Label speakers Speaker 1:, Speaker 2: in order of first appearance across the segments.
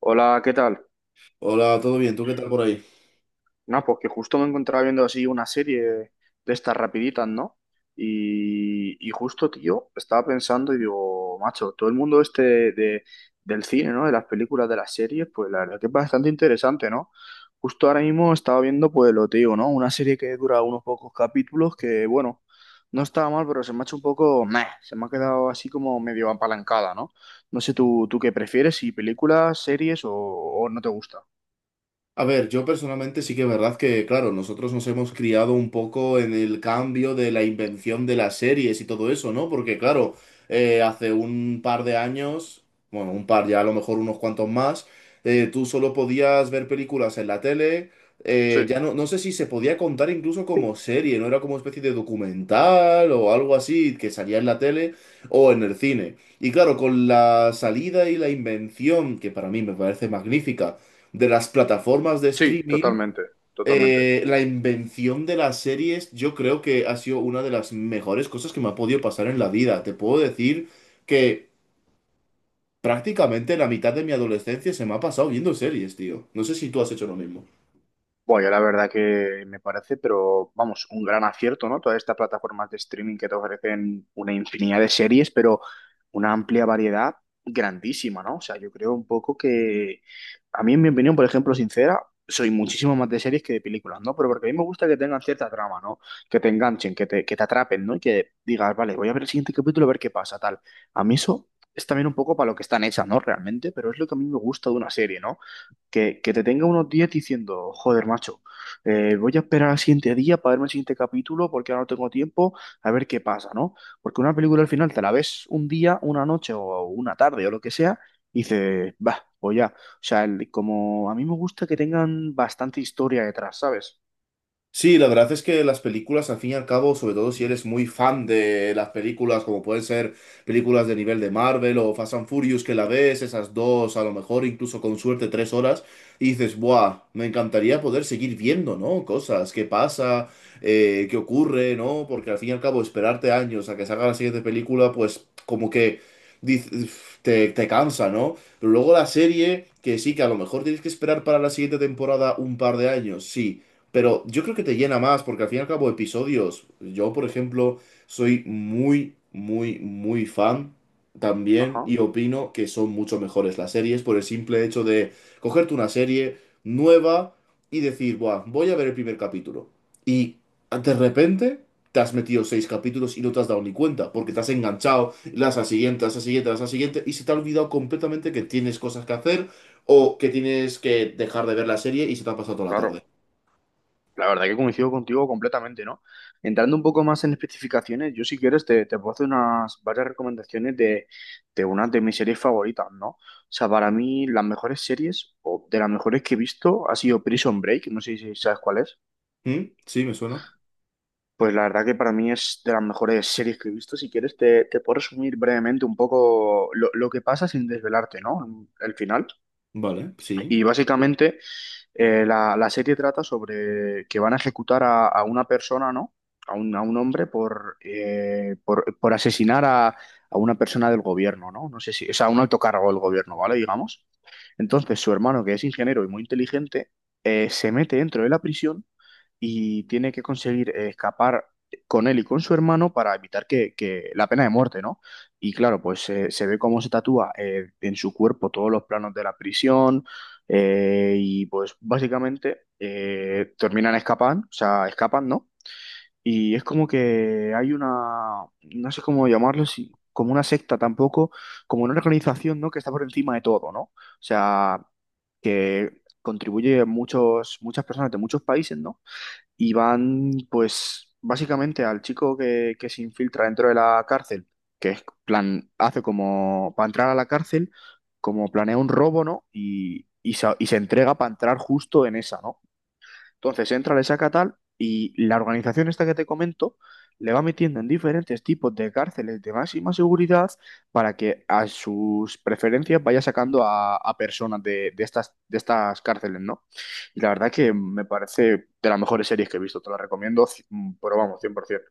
Speaker 1: Hola, ¿qué tal?
Speaker 2: Hola, ¿todo bien? ¿Tú qué tal por ahí?
Speaker 1: No, pues que justo me encontraba viendo así una serie de estas rapiditas, ¿no? Y justo, tío, estaba pensando y digo, macho, todo el mundo este del cine, ¿no? De las películas, de las series, pues la verdad que es bastante interesante, ¿no? Justo ahora mismo estaba viendo, pues lo te digo, ¿no? Una serie que dura unos pocos capítulos que, bueno, no estaba mal, pero se me ha hecho un poco, se me ha quedado así como medio apalancada, ¿no? No sé tú, qué prefieres, si películas, series o no te gusta.
Speaker 2: A ver, yo personalmente sí que es verdad que, claro, nosotros nos hemos criado un poco en el cambio de la invención de las series y todo eso, ¿no? Porque, claro, hace un par de años, bueno, un par ya, a lo mejor unos cuantos más, tú solo podías ver películas en la tele.
Speaker 1: Sí.
Speaker 2: Ya no, no sé si se podía contar incluso como serie, no era como especie de documental o algo así que salía en la tele o en el cine. Y claro, con la salida y la invención, que para mí me parece magnífica, de las plataformas de
Speaker 1: Sí,
Speaker 2: streaming,
Speaker 1: totalmente, totalmente.
Speaker 2: la invención de las series, yo creo que ha sido una de las mejores cosas que me ha podido pasar en la vida. Te puedo decir que prácticamente la mitad de mi adolescencia se me ha pasado viendo series, tío. No sé si tú has hecho lo mismo.
Speaker 1: Bueno, yo la verdad que me parece, pero vamos, un gran acierto, ¿no? Todas estas plataformas de streaming que te ofrecen una infinidad de series, pero una amplia variedad grandísima, ¿no? O sea, yo creo un poco que, a mí en mi opinión, por ejemplo, sincera, soy muchísimo más de series que de películas, ¿no? Pero porque a mí me gusta que tengan cierta trama, ¿no? Que te enganchen, que te atrapen, ¿no? Y que digas, vale, voy a ver el siguiente capítulo a ver qué pasa, tal. A mí eso es también un poco para lo que están hechas, ¿no? Realmente, pero es lo que a mí me gusta de una serie, ¿no? Que te tenga unos días diciendo, joder, macho, voy a esperar al siguiente día para verme el siguiente capítulo porque ahora no tengo tiempo, a ver qué pasa, ¿no? Porque una película al final te la ves un día, una noche o una tarde o lo que sea, y dices, va, pues ya. O sea, como a mí me gusta que tengan bastante historia detrás, ¿sabes?
Speaker 2: Sí, la verdad es que las películas, al fin y al cabo, sobre todo si eres muy fan de las películas, como pueden ser películas de nivel de Marvel o Fast and Furious, que la ves, esas dos, a lo mejor incluso con suerte 3 horas, y dices, ¡buah! Me encantaría poder seguir viendo, ¿no? Cosas, qué pasa, qué ocurre, ¿no? Porque al fin y al cabo, esperarte años a que salga la siguiente película, pues como que diz- te cansa, ¿no? Pero luego la serie, que sí, que a lo mejor tienes que esperar para la siguiente temporada un par de años, sí. Pero yo creo que te llena más, porque al fin y al cabo episodios, yo por ejemplo soy muy, muy, muy fan también
Speaker 1: Ajá,
Speaker 2: y opino que son mucho mejores las series por el simple hecho de cogerte una serie nueva y decir, buah, voy a ver el primer capítulo. Y de repente te has metido seis capítulos y no te has dado ni cuenta, porque te has enganchado, las a siguiente, las a siguiente, las a siguiente, y se te ha olvidado completamente que tienes cosas que hacer o que tienes que dejar de ver la serie y se te ha pasado toda la
Speaker 1: claro.
Speaker 2: tarde.
Speaker 1: La verdad que coincido contigo completamente, ¿no? Entrando un poco más en especificaciones, yo si quieres te puedo hacer unas varias recomendaciones de unas de mis series favoritas, ¿no? O sea, para mí las mejores series o de las mejores que he visto ha sido Prison Break, no sé si sabes cuál es.
Speaker 2: Mm, sí, me suena.
Speaker 1: Pues la verdad que para mí es de las mejores series que he visto. Si quieres te puedo resumir brevemente un poco lo que pasa sin desvelarte, ¿no? El final.
Speaker 2: Vale,
Speaker 1: Y
Speaker 2: sí.
Speaker 1: sí, básicamente la serie trata sobre que van a ejecutar a una persona, ¿no? A un hombre por, por asesinar a una persona del gobierno, ¿no? No sé si, o sea, un alto cargo del gobierno, ¿vale? Digamos. Entonces, su hermano, que es ingeniero y muy inteligente, se mete dentro de la prisión y tiene que conseguir escapar con él y con su hermano para evitar que la pena de muerte, ¿no? Y claro, pues se ve cómo se tatúa en su cuerpo todos los planos de la prisión y pues básicamente terminan escapando, o sea, escapan, ¿no? Y es como que hay una, no sé cómo llamarlo, como una secta tampoco, como una organización, ¿no? Que está por encima de todo, ¿no? O sea, que contribuye muchas personas de muchos países, ¿no? Y van, pues, básicamente al chico que se infiltra dentro de la cárcel, que es plan, hace como para entrar a la cárcel, como planea un robo, ¿no? Y se entrega para entrar justo en esa, ¿no? Entonces entra, le saca tal y la organización esta que te comento le va metiendo en diferentes tipos de cárceles de máxima seguridad para que a sus preferencias vaya sacando a personas de estas cárceles, ¿no? Y la verdad que me parece de las mejores series que he visto, te la recomiendo, pero vamos, 100%.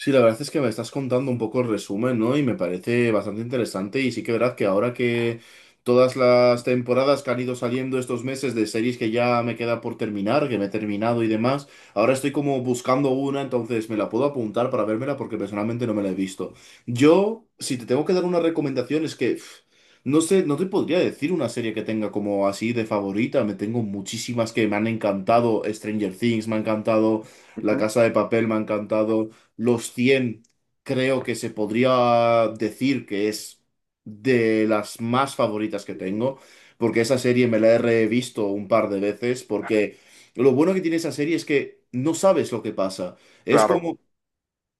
Speaker 2: Sí, la verdad es que me estás contando un poco el resumen, ¿no? Y me parece bastante interesante. Y sí que verdad que ahora que todas las temporadas que han ido saliendo estos meses de series que ya me queda por terminar, que me he terminado y demás, ahora estoy como buscando una, entonces me la puedo apuntar para vérmela porque personalmente no me la he visto. Yo, si te tengo que dar una recomendación, es que pff, no sé, no te podría decir una serie que tenga como así de favorita. Me tengo muchísimas que me han encantado. Stranger Things me ha encantado. La
Speaker 1: Ujú,
Speaker 2: Casa de Papel me ha encantado. Los cien, creo que se podría decir que es de las más favoritas que tengo, porque esa serie me la he revisto un par de veces, porque lo bueno que tiene esa serie es que no sabes lo que pasa. Es
Speaker 1: claro.
Speaker 2: como,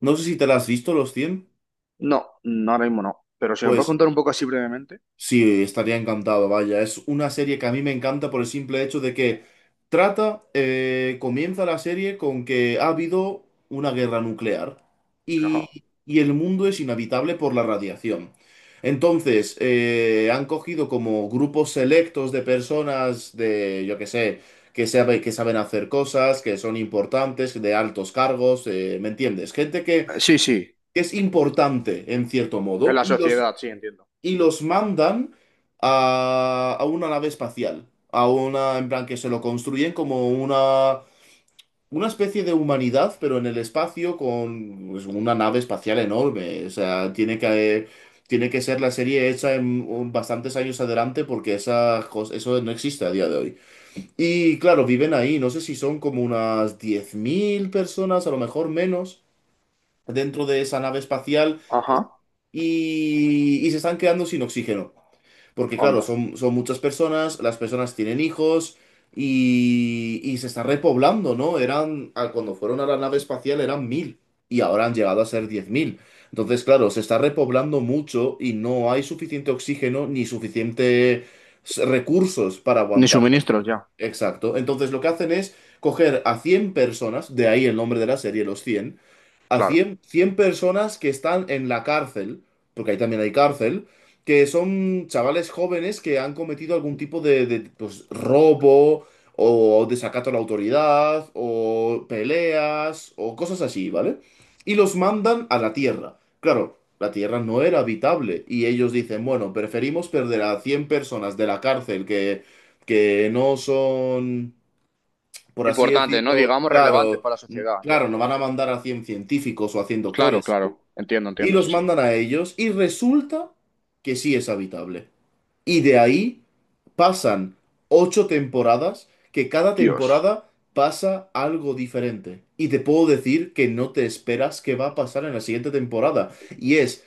Speaker 2: no sé si te la has visto, Los cien,
Speaker 1: No, no, ahora mismo no. Pero si me puedes
Speaker 2: pues
Speaker 1: contar un poco así brevemente.
Speaker 2: sí, estaría encantado, vaya. Es una serie que a mí me encanta por el simple hecho de que trata, comienza la serie con que ha habido una guerra nuclear
Speaker 1: Ajá.
Speaker 2: y el mundo es inhabitable por la radiación. Entonces, han cogido como grupos selectos de personas de, yo qué sé, que saben hacer cosas, que son importantes, de altos cargos, ¿me entiendes? Gente que
Speaker 1: Sí, sí,
Speaker 2: que es importante en cierto
Speaker 1: en
Speaker 2: modo
Speaker 1: la
Speaker 2: y los
Speaker 1: sociedad, sí, entiendo.
Speaker 2: y los mandan a una nave espacial. A una, en plan, que se lo construyen como una especie de humanidad, pero en el espacio con, pues, una nave espacial enorme. O sea, tiene que ser la serie hecha en bastantes años adelante porque esa, eso no existe a día de hoy. Y claro, viven ahí, no sé si son como unas 10.000 personas, a lo mejor menos, dentro de esa nave espacial
Speaker 1: Ajá,
Speaker 2: y se están quedando sin oxígeno. Porque claro,
Speaker 1: onda.
Speaker 2: son muchas personas, las personas tienen hijos y se está repoblando, ¿no? Eran, a- cuando fueron a la nave espacial eran 1.000 y ahora han llegado a ser 10.000. Entonces, claro, se está repoblando mucho y no hay suficiente oxígeno ni suficientes recursos para
Speaker 1: Ni
Speaker 2: aguantar.
Speaker 1: suministros ya,
Speaker 2: Exacto. Entonces lo que hacen es coger a 100 personas, de ahí el nombre de la serie, los cien, a
Speaker 1: claro.
Speaker 2: cien personas que están en la cárcel, porque ahí también hay cárcel, que son chavales jóvenes que han cometido algún tipo de, pues, robo o desacato a la autoridad o peleas o cosas así, ¿vale? Y los mandan a la Tierra. Claro, la Tierra no era habitable y ellos dicen, bueno, preferimos perder a 100 personas de la cárcel que no son, por así
Speaker 1: Importantes ¿no?
Speaker 2: decirlo,
Speaker 1: Digamos relevantes
Speaker 2: claro,
Speaker 1: para la sociedad, ya.
Speaker 2: claro, no van a mandar a 100 científicos o a cien
Speaker 1: Claro,
Speaker 2: doctores.
Speaker 1: claro. Entiendo,
Speaker 2: Y
Speaker 1: entiendo, sí,
Speaker 2: los
Speaker 1: sí.
Speaker 2: mandan a ellos y resulta que sí es habitable. Y de ahí pasan ocho temporadas, que cada
Speaker 1: Dios.
Speaker 2: temporada pasa algo diferente. Y te puedo decir que no te esperas qué va a pasar en la siguiente temporada. Y es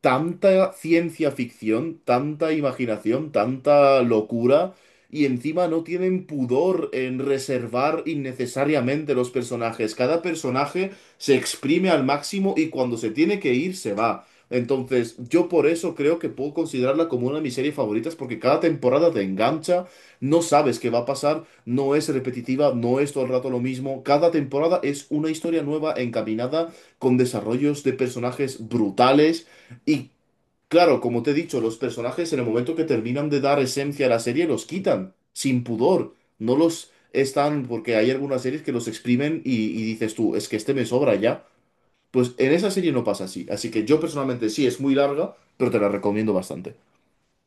Speaker 2: tanta ciencia ficción, tanta imaginación, tanta locura, y encima no tienen pudor en reservar innecesariamente los personajes. Cada personaje se exprime al máximo y cuando se tiene que ir, se va. Entonces, yo por eso creo que puedo considerarla como una de mis series favoritas, porque cada temporada te engancha, no sabes qué va a pasar, no es repetitiva, no es todo el rato lo mismo. Cada temporada es una historia nueva encaminada con desarrollos de personajes brutales y, claro, como te he dicho, los personajes en el momento que terminan de dar esencia a la serie los quitan, sin pudor. No los están, porque hay algunas series que los exprimen y dices tú, es que este me sobra ya. Pues en esa serie no pasa así. Así que yo personalmente sí, es muy larga, pero te la recomiendo bastante.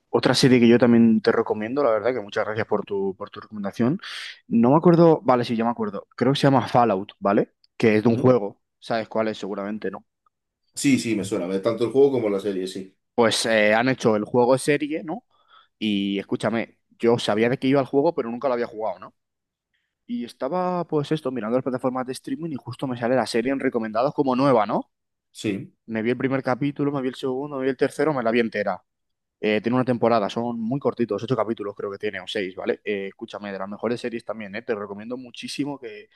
Speaker 1: Otra serie que yo también te recomiendo, la verdad, que muchas gracias por tu recomendación. No me acuerdo, vale, sí, ya me acuerdo. Creo que se llama Fallout, ¿vale? Que es de un
Speaker 2: Ujú.
Speaker 1: juego. ¿Sabes cuál es? Seguramente no.
Speaker 2: Sí, sí, me suena, tanto el juego como la serie, sí.
Speaker 1: Pues han hecho el juego serie, ¿no? Y escúchame, yo sabía de qué iba el juego, pero nunca lo había jugado, ¿no? Y estaba, pues esto, mirando las plataformas de streaming y justo me sale la serie en recomendados como nueva, ¿no?
Speaker 2: Sí.
Speaker 1: Me vi el primer capítulo, me vi el segundo, me vi el tercero, me la vi entera. Tiene una temporada, son muy cortitos, 8 capítulos creo que tiene, o 6, ¿vale? Escúchame, de las mejores series también, ¿eh? Te recomiendo muchísimo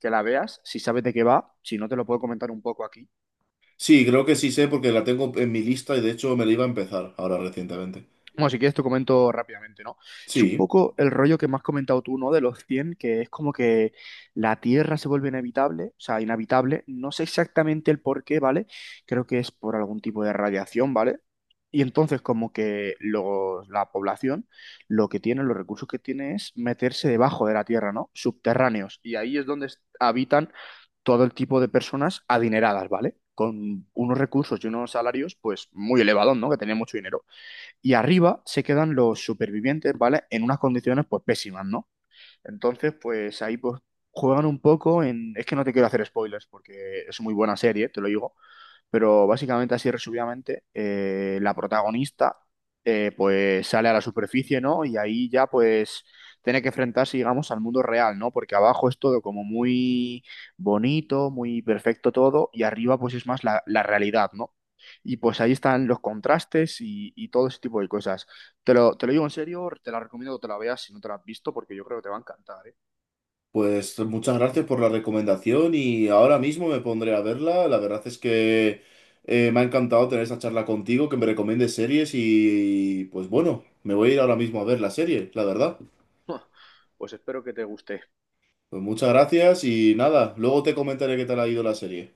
Speaker 1: que la veas. Si sabes de qué va, si no te lo puedo comentar un poco aquí,
Speaker 2: Sí, creo que sí sé porque la tengo en mi lista y de hecho me la iba a empezar ahora recientemente.
Speaker 1: bueno, si quieres te comento rápidamente, ¿no? Es un
Speaker 2: Sí.
Speaker 1: poco el rollo que me has comentado tú, ¿no? De los 100 que es como que la Tierra se vuelve inhabitable, o sea, inhabitable. No sé exactamente el por qué, ¿vale? Creo que es por algún tipo de radiación, ¿vale? Y entonces como que la población lo que tiene, los recursos que tiene es meterse debajo de la Tierra, ¿no? Subterráneos. Y ahí es donde habitan todo el tipo de personas adineradas, ¿vale? Con unos recursos y unos salarios, pues, muy elevados, ¿no? Que tienen mucho dinero y arriba se quedan los supervivientes, ¿vale? En unas condiciones pues pésimas, ¿no? Entonces, pues ahí pues juegan un poco en... Es que no te quiero hacer spoilers porque es muy buena serie, te lo digo, pero básicamente, así resumidamente, la protagonista pues sale a la superficie, ¿no? Y ahí ya pues tiene que enfrentarse, digamos, al mundo real, ¿no? Porque abajo es todo como muy bonito, muy perfecto todo, y arriba pues es más la realidad, ¿no? Y pues ahí están los contrastes y todo ese tipo de cosas. Te lo digo en serio, te la recomiendo que te la veas si no te la has visto, porque yo creo que te va a encantar, ¿eh?
Speaker 2: Pues muchas gracias por la recomendación y ahora mismo me pondré a verla. La verdad es que me ha encantado tener esta charla contigo, que me recomiendes series y pues bueno, me voy a ir ahora mismo a ver la serie, la verdad.
Speaker 1: Pues espero que te guste.
Speaker 2: Pues muchas gracias y nada, luego te comentaré qué tal ha ido la serie.